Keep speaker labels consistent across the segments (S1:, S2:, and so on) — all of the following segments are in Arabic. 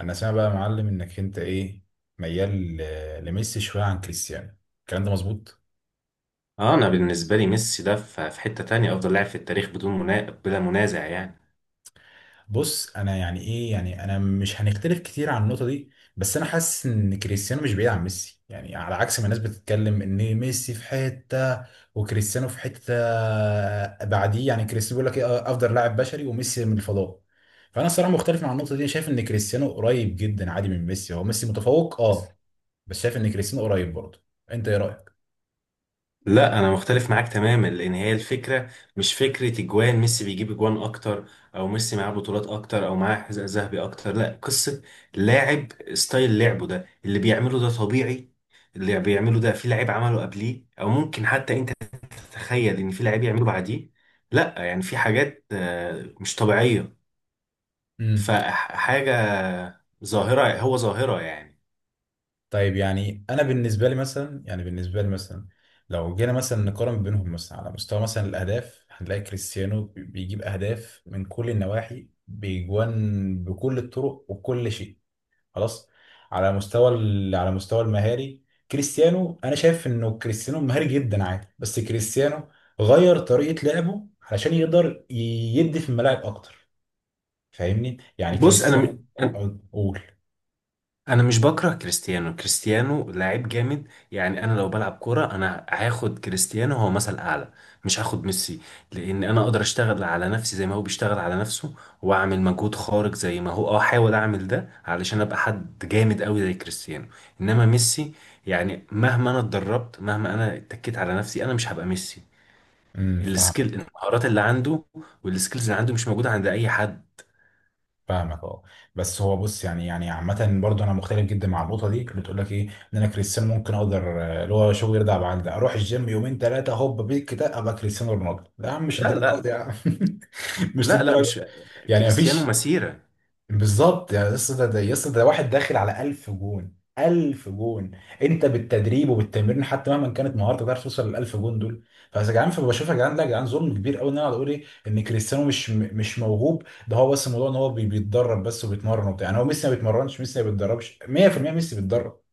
S1: انا سامع بقى يا معلم انك انت ايه، ميال لميسي شويه عن كريستيانو، الكلام ده مظبوط؟
S2: اه انا بالنسبه لي ميسي ده في حته تانية افضل لاعب في التاريخ بلا منازع يعني.
S1: بص، انا يعني ايه، يعني انا مش هنختلف كتير عن النقطه دي. بس انا حاسس ان كريستيانو مش بعيد عن ميسي، يعني على عكس ما الناس بتتكلم ان ميسي في حته وكريستيانو في حته بعديه. يعني كريستيانو بيقول لك ايه، افضل لاعب بشري وميسي من الفضاء. فانا الصراحه مختلف مع النقطه دي، شايف ان كريستيانو قريب جدا عادي من ميسي، هو ميسي متفوق اه، بس شايف ان كريستيانو قريب برضه. انت ايه رايك؟
S2: لا انا مختلف معاك تماما لان هي الفكره مش فكره اجوان، ميسي بيجيب اجوان اكتر او ميسي معاه بطولات اكتر او معاه حذاء ذهبي اكتر. لا قصه لاعب، ستايل لعبه ده اللي بيعمله ده طبيعي. اللي بيعمله ده في لعيب عمله قبليه او ممكن حتى انت تتخيل ان في لعيب يعمله بعديه؟ لا، يعني في حاجات مش طبيعيه. فحاجه ظاهره، هو ظاهره يعني.
S1: طيب، يعني انا بالنسبه لي مثلا، يعني بالنسبه لي مثلا لو جينا مثلا نقارن بينهم مثلا على مستوى مثلا الاهداف، هنلاقي كريستيانو بيجيب اهداف من كل النواحي، بيجوان بكل الطرق وكل شيء. خلاص. على مستوى المهاري كريستيانو، انا شايف انه كريستيانو مهاري جدا عادي، بس كريستيانو غير طريقه لعبه علشان يقدر يدي في الملاعب اكتر. فاهمني؟ يعني
S2: بص انا م-
S1: كريستيانو
S2: انا
S1: قول.
S2: أنا مش بكره كريستيانو، كريستيانو لاعب جامد يعني. انا لو بلعب كوره انا هاخد كريستيانو، هو مثل اعلى، مش هاخد ميسي. لان انا اقدر اشتغل على نفسي زي ما هو بيشتغل على نفسه واعمل مجهود خارق زي ما هو، اه احاول اعمل ده علشان ابقى حد جامد قوي زي كريستيانو. انما ميسي يعني مهما انا اتدربت، مهما انا اتكيت على نفسي، انا مش هبقى ميسي.
S1: فاهم.
S2: السكيل، المهارات اللي عنده والسكيلز اللي عنده، مش موجوده عند اي حد.
S1: فاهمك اه. بس هو، بص، يعني عامة برضه انا مختلف جدا مع النقطة دي اللي تقول لك ايه، ان انا كريستيانو ممكن اقدر اللي هو شغل يرضى بعد ده اروح الجيم يومين ثلاثة هوب بيك كده ابقى كريستيانو رونالدو، لا يا عم، مش
S2: لا
S1: الدرجات يا
S2: لا
S1: عم. مش
S2: لا لا،
S1: الدرجة.
S2: مش
S1: يعني
S2: كريستيانو
S1: مفيش.
S2: مسيرة.
S1: بالظبط، يعني يس، ده يس، ده واحد داخل على 1000 جون، 1000 جون. انت بالتدريب وبالتمرين حتى مهما كانت مهارتك ما تعرفش توصل لل 1000 جون دول. فيا جدعان، فبشوف يا جدعان، لا يا جدعان، ظلم كبير قوي ان انا اقعد اقول ايه، ان كريستيانو مش موهوب. ده هو بس الموضوع ان هو بيتدرب بس وبيتمرن وبتاع. يعني هو ميسي ما بيتمرنش؟ ميسي ما بيتدربش 100%؟ ميسي بيتدرب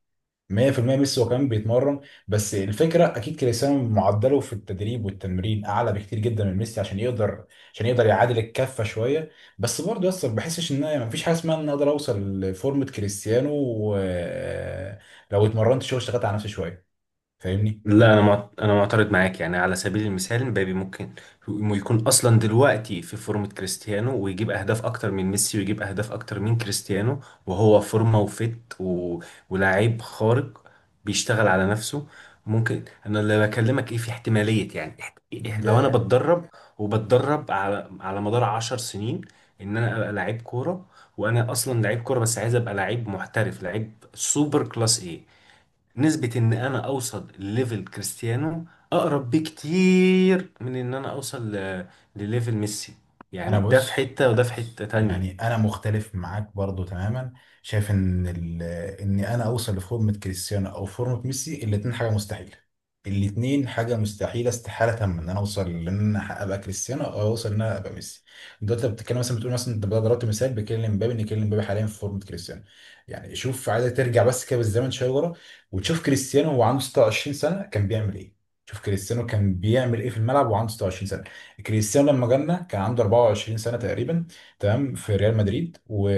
S1: 100%، ميسي هو كمان بيتمرن. بس الفكره اكيد كريستيانو معدله في التدريب والتمرين اعلى بكتير جدا من ميسي عشان يقدر يعادل الكفه شويه. بس برضه يا اسطى، ما بحسش ان ما فيش حاجه اسمها ان أنا اقدر اوصل لفورمه كريستيانو لو اتمرنت شويه واشتغلت على نفسي شويه. فاهمني؟
S2: لا انا معت... انا معترض معاك. يعني على سبيل المثال مبابي ممكن يكون اصلا دلوقتي في فورمة كريستيانو ويجيب اهداف اكتر من ميسي ويجيب اهداف اكتر من كريستيانو، وهو فورمة وفت ولاعيب خارق بيشتغل على نفسه. ممكن انا اللي بكلمك ايه، في احتمالية يعني لو انا
S1: ده
S2: بتدرب وبتدرب على مدار عشر سنين ان انا ابقى لعيب كورة، وانا اصلا لعيب كورة بس عايز ابقى لعيب محترف، لعيب سوبر كلاس، ايه نسبة ان انا اوصل لليفل كريستيانو؟ اقرب بكتير من ان انا اوصل لليفل ميسي.
S1: انا
S2: يعني ده في
S1: بص،
S2: حتة وده في حتة تانية.
S1: يعني انا مختلف معاك برضو تماما، شايف ان ان انا اوصل لفورمة كريستيانو او فورمة ميسي، الاتنين حاجة مستحيلة. الاتنين حاجة مستحيلة، استحالة تامة ان انا اوصل ان انا ابقى كريستيانو او اوصل ان انا ابقى ميسي. دلوقتي انت بتتكلم مثلا، بتقول مثلا، انت ضربت مثال بكيليان مبابي، ان كيليان مبابي حاليا في فورمة كريستيانو. يعني شوف، عايز ترجع بس كده بالزمن شوية ورا وتشوف كريستيانو وهو عنده 26 سنة كان بيعمل ايه. شوف كريستيانو كان بيعمل ايه في الملعب وعنده 26 سنة. كريستيانو لما جالنا كان عنده 24 سنة تقريبا، تمام، في ريال مدريد. و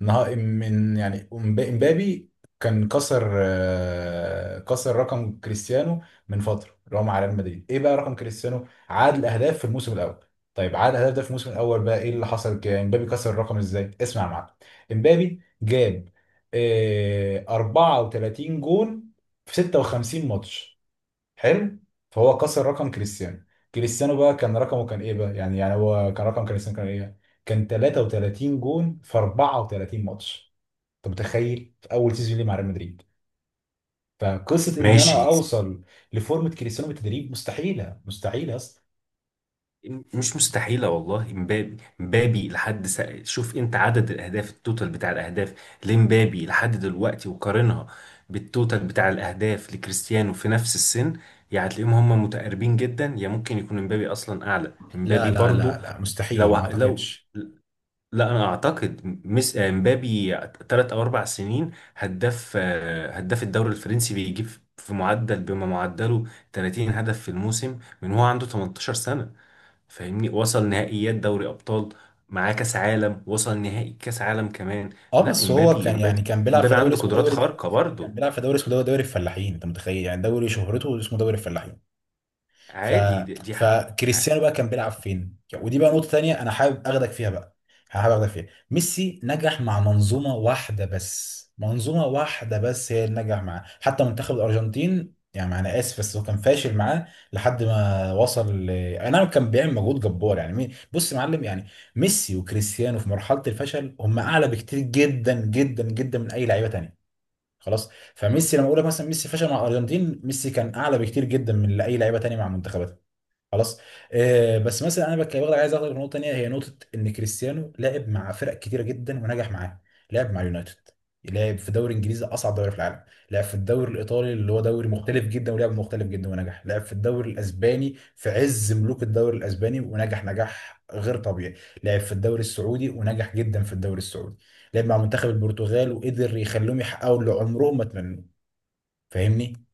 S1: من يعني، امبابي كان كسر رقم كريستيانو من فتره اللي هو مع ريال مدريد. ايه بقى رقم كريستيانو عاد الاهداف في الموسم الاول؟ طيب، عاد الاهداف ده في الموسم الاول بقى، ايه اللي حصل؟ امبابي كسر الرقم ازاي، اسمع يا معلم. امبابي جاب 34 جون في 56 ماتش. حلو. فهو كسر رقم كريستيانو. كريستيانو بقى كان رقمه كان ايه بقى؟ يعني هو كان رقم كريستيانو كان ايه؟ كان 33 جون في 34 ماتش. انت متخيل في اول سيزون ليه مع ريال مدريد؟ فقصه ان
S2: ماشي.
S1: انا اوصل لفورمه كريستيانو بالتدريب مستحيله، مستحيله اصلا.
S2: مش مستحيلة والله. شوف انت عدد الاهداف، التوتال بتاع الاهداف لامبابي لحد دلوقتي، وقارنها بالتوتال بتاع الاهداف لكريستيانو في نفس السن، يعني هتلاقيهم هم متقاربين جدا يا ممكن يكون امبابي اصلا اعلى.
S1: لا
S2: امبابي
S1: لا لا
S2: برضو
S1: لا مستحيل
S2: لو
S1: ما
S2: لو،
S1: اعتقدش.
S2: لا انا اعتقد ميس آه، مبابي ثلاث او اربع سنين هداف الدوري الفرنسي، بيجيب في معدل، بما معدله 30 هدف في الموسم من هو عنده 18 سنة. فاهمني؟ وصل نهائيات دوري ابطال، معاه كاس عالم، وصل نهائي كاس عالم كمان.
S1: اه
S2: لا
S1: بس هو
S2: امبابي
S1: كان
S2: امبابي
S1: يعني كان بيلعب في
S2: امبابي
S1: دوري
S2: عنده
S1: اسمه
S2: قدرات
S1: دوري،
S2: خارقة
S1: كان
S2: برضه.
S1: بيلعب في دوري اسمه دوري، دوري الفلاحين. انت متخيل يعني دوري شهرته اسمه دوري الفلاحين. ف
S2: عادي. دي.
S1: فكريستيانو بقى كان بيلعب فين؟ ودي بقى نقطة تانية انا حابب اخدك فيها بقى، حابب اخدك فيها. ميسي نجح مع منظومة واحدة بس، منظومة واحدة بس هي اللي نجح معاه حتى منتخب الارجنتين. يعني انا اسف بس هو كان فاشل معاه لحد ما وصل اي نعم كان بيعمل مجهود جبار. يعني بص يا معلم، يعني ميسي وكريستيانو في مرحلة الفشل هم اعلى بكتير جدا جدا جدا من اي لعيبة تانية. خلاص. فميسي، لما اقول لك مثلا ميسي فشل مع الارجنتين، ميسي كان اعلى بكتير جدا من اي لعيبه تانية مع منتخبات. خلاص. بس مثلا انا برضه عايز اخد نقطه تانيه، هي نقطه ان كريستيانو لعب مع فرق كتيره جدا ونجح معاها. لعب مع يونايتد، لعب في دوري انجليزي، اصعب دوري في العالم. لعب في الدوري الايطالي اللي هو دوري مختلف جدا ولعب مختلف جدا ونجح. لعب في الدوري الاسباني في عز ملوك الدوري الاسباني ونجح نجاح غير طبيعي. لعب في الدوري السعودي ونجح جدا في الدوري السعودي. لعب مع منتخب البرتغال وقدر يخليهم يحققوا اللي عمرهم ما اتمنوه. فاهمني؟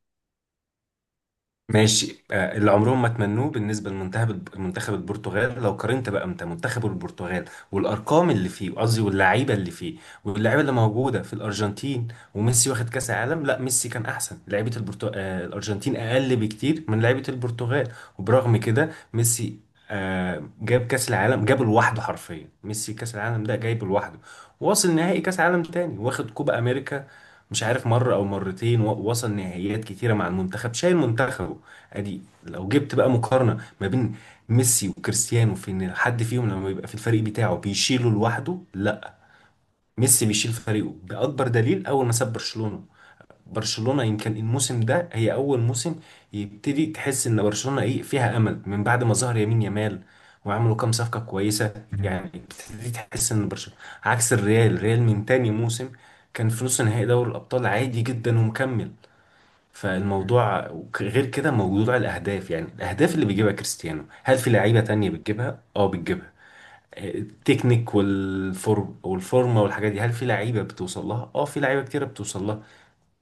S2: ماشي. اللي عمرهم ما تمنوه بالنسبه لمنتخب البرتغال، لو قارنت بقى انت منتخب البرتغال والارقام اللي فيه، قصدي واللعيبه اللي فيه، واللعيبه اللي موجوده في الارجنتين وميسي واخد كاس عالم. لا ميسي كان احسن لعيبه البرتو... آه، الارجنتين اقل بكتير من لعيبه البرتغال، وبرغم كده ميسي جاب كاس العالم، جاب لوحده حرفيا ميسي كاس العالم ده جايبه لوحده. واصل نهائي كاس عالم تاني، واخد كوبا امريكا مش عارف مرة أو مرتين، وصل نهائيات كتيرة مع المنتخب، شايل منتخبه. ادي لو جبت بقى مقارنة ما بين ميسي وكريستيانو في ان حد فيهم لما بيبقى في الفريق بتاعه بيشيله لوحده. لا، ميسي بيشيل فريقه. بأكبر دليل اول ما ساب برشلونة، برشلونة يمكن الموسم ده هي اول موسم يبتدي تحس ان برشلونة ايه فيها امل، من بعد ما ظهر يمين يامال وعملوا كام صفقة كويسة،
S1: مم.
S2: يعني بتبتدي تحس ان برشلونة عكس الريال. الريال من تاني موسم كان في نص نهائي دوري الابطال عادي جدا ومكمل. فالموضوع غير كده موضوع الأهداف، يعني الأهداف اللي بيجيبها كريستيانو هل في لعيبة تانية بتجيبها؟ اه بتجيبها. التكنيك والفورم والفورمة والحاجات دي هل في لعيبة بتوصل لها؟ اه في لعيبة كتيرة بتوصل لها.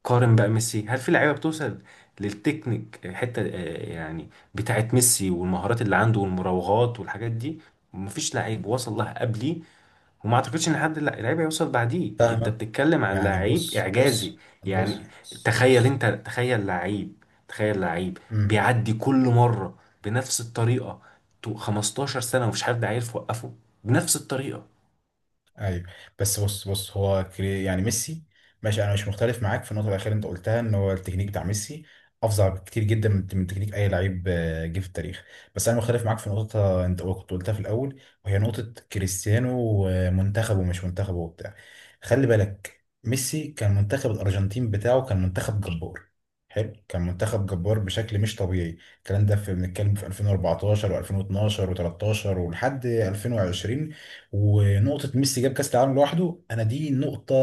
S2: قارن بقى ميسي، هل في لعيبة بتوصل للتكنيك حتة يعني بتاعت ميسي والمهارات اللي عنده والمراوغات والحاجات دي؟ مفيش لعيب وصل لها قبلي، وما اعتقدش ان حد لعيب هيوصل بعديه. انت
S1: فاهمك.
S2: بتتكلم عن
S1: يعني
S2: لعيب
S1: بص،
S2: اعجازي
S1: بص
S2: يعني. مم.
S1: بص،
S2: تخيل انت، تخيل لعيب، تخيل لعيب
S1: امم
S2: بيعدي كل مره بنفس الطريقه 15 سنه ومفيش حد عارف يوقفه، بنفس الطريقه.
S1: ايوه. بس بص بص هو يعني ميسي، ماشي، انا مش مختلف معاك في النقطه الاخيره اللي انت قلتها، ان هو التكنيك بتاع ميسي افظع بكتير جدا من تكنيك اي لعيب جه في التاريخ. بس انا مختلف معاك في نقطه انت كنت قلتها في الاول، وهي نقطه كريستيانو ومنتخبه ومش منتخبه وبتاع. خلي بالك، ميسي كان منتخب الارجنتين بتاعه كان منتخب جبار، حلو، كان منتخب جبار بشكل مش طبيعي. الكلام ده بنتكلم في 2014 و2012 و13 ولحد 2020. ونقطة ميسي جاب كأس العالم لوحده، أنا دي نقطة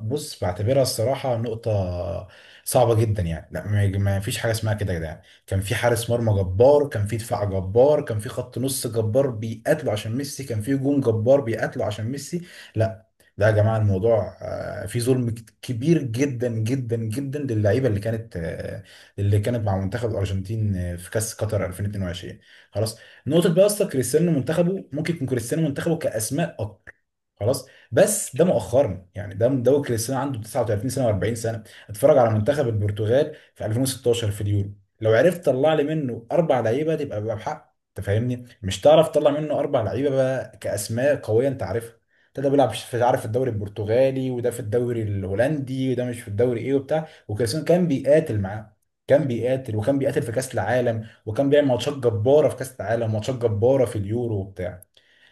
S1: بص بعتبرها الصراحة نقطة صعبة جدا، يعني لا، ما فيش حاجة اسمها كده يا جدعان. كان في حارس مرمى جبار، كان في دفاع جبار، كان في خط نص جبار بيقاتلوا عشان ميسي، كان في هجوم جبار بيقاتلوا عشان ميسي. لا لا يا جماعة، الموضوع في ظلم كبير جدا جدا جدا للعيبة اللي كانت اللي كانت مع منتخب الأرجنتين في كأس قطر 2022. خلاص. نقطه بقى اصلا كريستيانو منتخبه ممكن يكون كريستيانو منتخبه كاسماء اكتر، خلاص، بس ده مؤخرا يعني، ده كريستيانو عنده 39 سنه و40 سنه. اتفرج على منتخب البرتغال في 2016 في اليورو. لو عرفت تطلع لي منه اربع لعيبه تبقى بقى بحق، انت فاهمني، مش تعرف تطلع منه اربع لعيبه بقى كاسماء قويه انت عارفها. ده بيلعب في، عارف، في الدوري البرتغالي، وده في الدوري الهولندي، وده مش في الدوري ايه وبتاع، وكريستيانو كان بيقاتل معاه. كان بيقاتل وكان بيقاتل في كاس العالم، وكان بيعمل ماتشات جباره في كاس العالم، وماتشات جباره في اليورو وبتاع.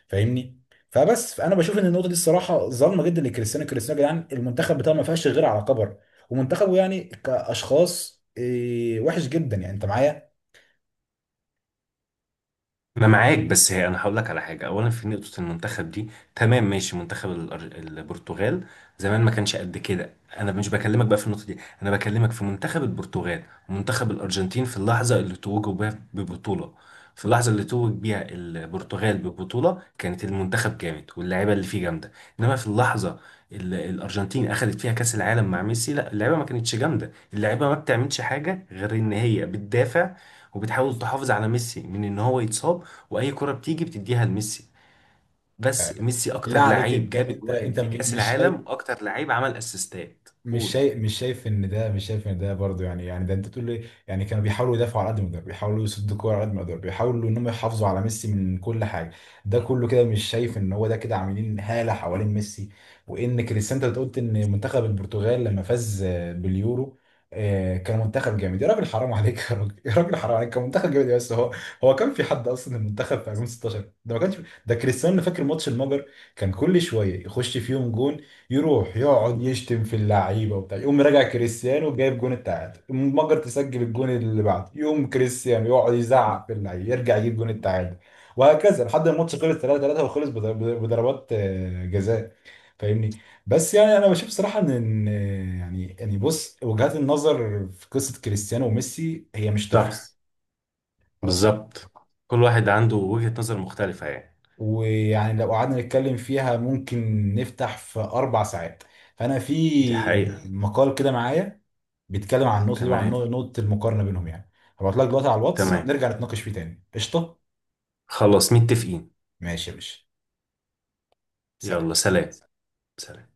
S1: فاهمني؟ فبس، فانا بشوف ان النقطه دي الصراحه ظالمه جدا لكريستيانو. كريستيانو يا جدعان، المنتخب بتاعه ما فيهاش غير على كبر، ومنتخبه يعني كاشخاص وحش جدا، يعني انت معايا؟
S2: انا معاك، بس هي انا هقول لك على حاجه. اولا في نقطه المنتخب دي، تمام ماشي، منتخب البرتغال زمان ما كانش قد كده. انا مش بكلمك بقى في النقطه دي، انا بكلمك في منتخب البرتغال ومنتخب الارجنتين في اللحظه اللي توجوا بيها ببطوله. في اللحظه اللي توج بيها البرتغال ببطوله كانت المنتخب جامد واللعيبه اللي فيه جامده، انما في اللحظه اللي الارجنتين اخذت فيها كاس العالم مع ميسي لا، اللعيبه ما كانتش جامده، اللعيبه ما بتعملش حاجه غير ان هي بتدافع وبتحاول تحافظ على ميسي من ان هو يتصاب، واي كرة بتيجي بتديها لميسي. بس
S1: يعني
S2: ميسي
S1: بالله
S2: اكتر
S1: عليك،
S2: لعيب
S1: انت
S2: جاب
S1: انت
S2: اجوان
S1: انت
S2: في كاس
S1: مش شايف،
S2: العالم واكتر لعيب عمل اسيستات،
S1: مش
S2: قول.
S1: شايف مش شايف ان ده، مش شايف ان ده برضه، يعني ده انت تقول ايه، يعني كانوا بيحاولوا يدافعوا على قد ما يقدروا، بيحاولوا يصدوا الكوره على قد ما يقدروا، بيحاولوا ان هم يحافظوا على ميسي من كل حاجه. ده كله كده، مش شايف ان هو ده كده عاملين هاله حوالين ميسي؟ وان كريستيانو، انت قلت ان منتخب البرتغال لما فاز باليورو كان منتخب جامد. يا راجل حرام عليك، يا راجل، يا راجل حرام عليك، كان منتخب جامد، بس هو، هو كان في حد اصلا؟ المنتخب في 2016 ده ما كانش. ده كريستيانو فاكر ماتش المجر كان كل شويه يخش فيهم جون، يروح يقعد يشتم في اللعيبه وبتاع يقوم راجع كريستيانو جايب جون التعادل، المجر تسجل الجون اللي بعده، يقوم كريستيانو يقعد يزعق في اللعيبه، يرجع يجيب جون التعادل، وهكذا لحد ما الماتش خلص 3-3 وخلص بضربات جزاء. فاهمني؟ بس يعني انا بشوف صراحه إن يعني بص وجهات النظر في قصه كريستيانو وميسي هي مش
S2: صح.
S1: تخلص. خلاص.
S2: بالظبط. كل واحد عنده وجهة نظر مختلفة يعني.
S1: ويعني لو قعدنا نتكلم فيها ممكن نفتح في اربع ساعات. فانا
S2: دي
S1: في
S2: حقيقة.
S1: مقال كده معايا بيتكلم عن النقطه دي وعن
S2: تمام.
S1: نقطه المقارنه بينهم يعني. هبعت لك دلوقتي على الواتس
S2: تمام،
S1: نرجع نتناقش فيه تاني، قشطه.
S2: خلاص متفقين.
S1: ماشي يا باشا.
S2: يلا
S1: سلام.
S2: سلام. سلام.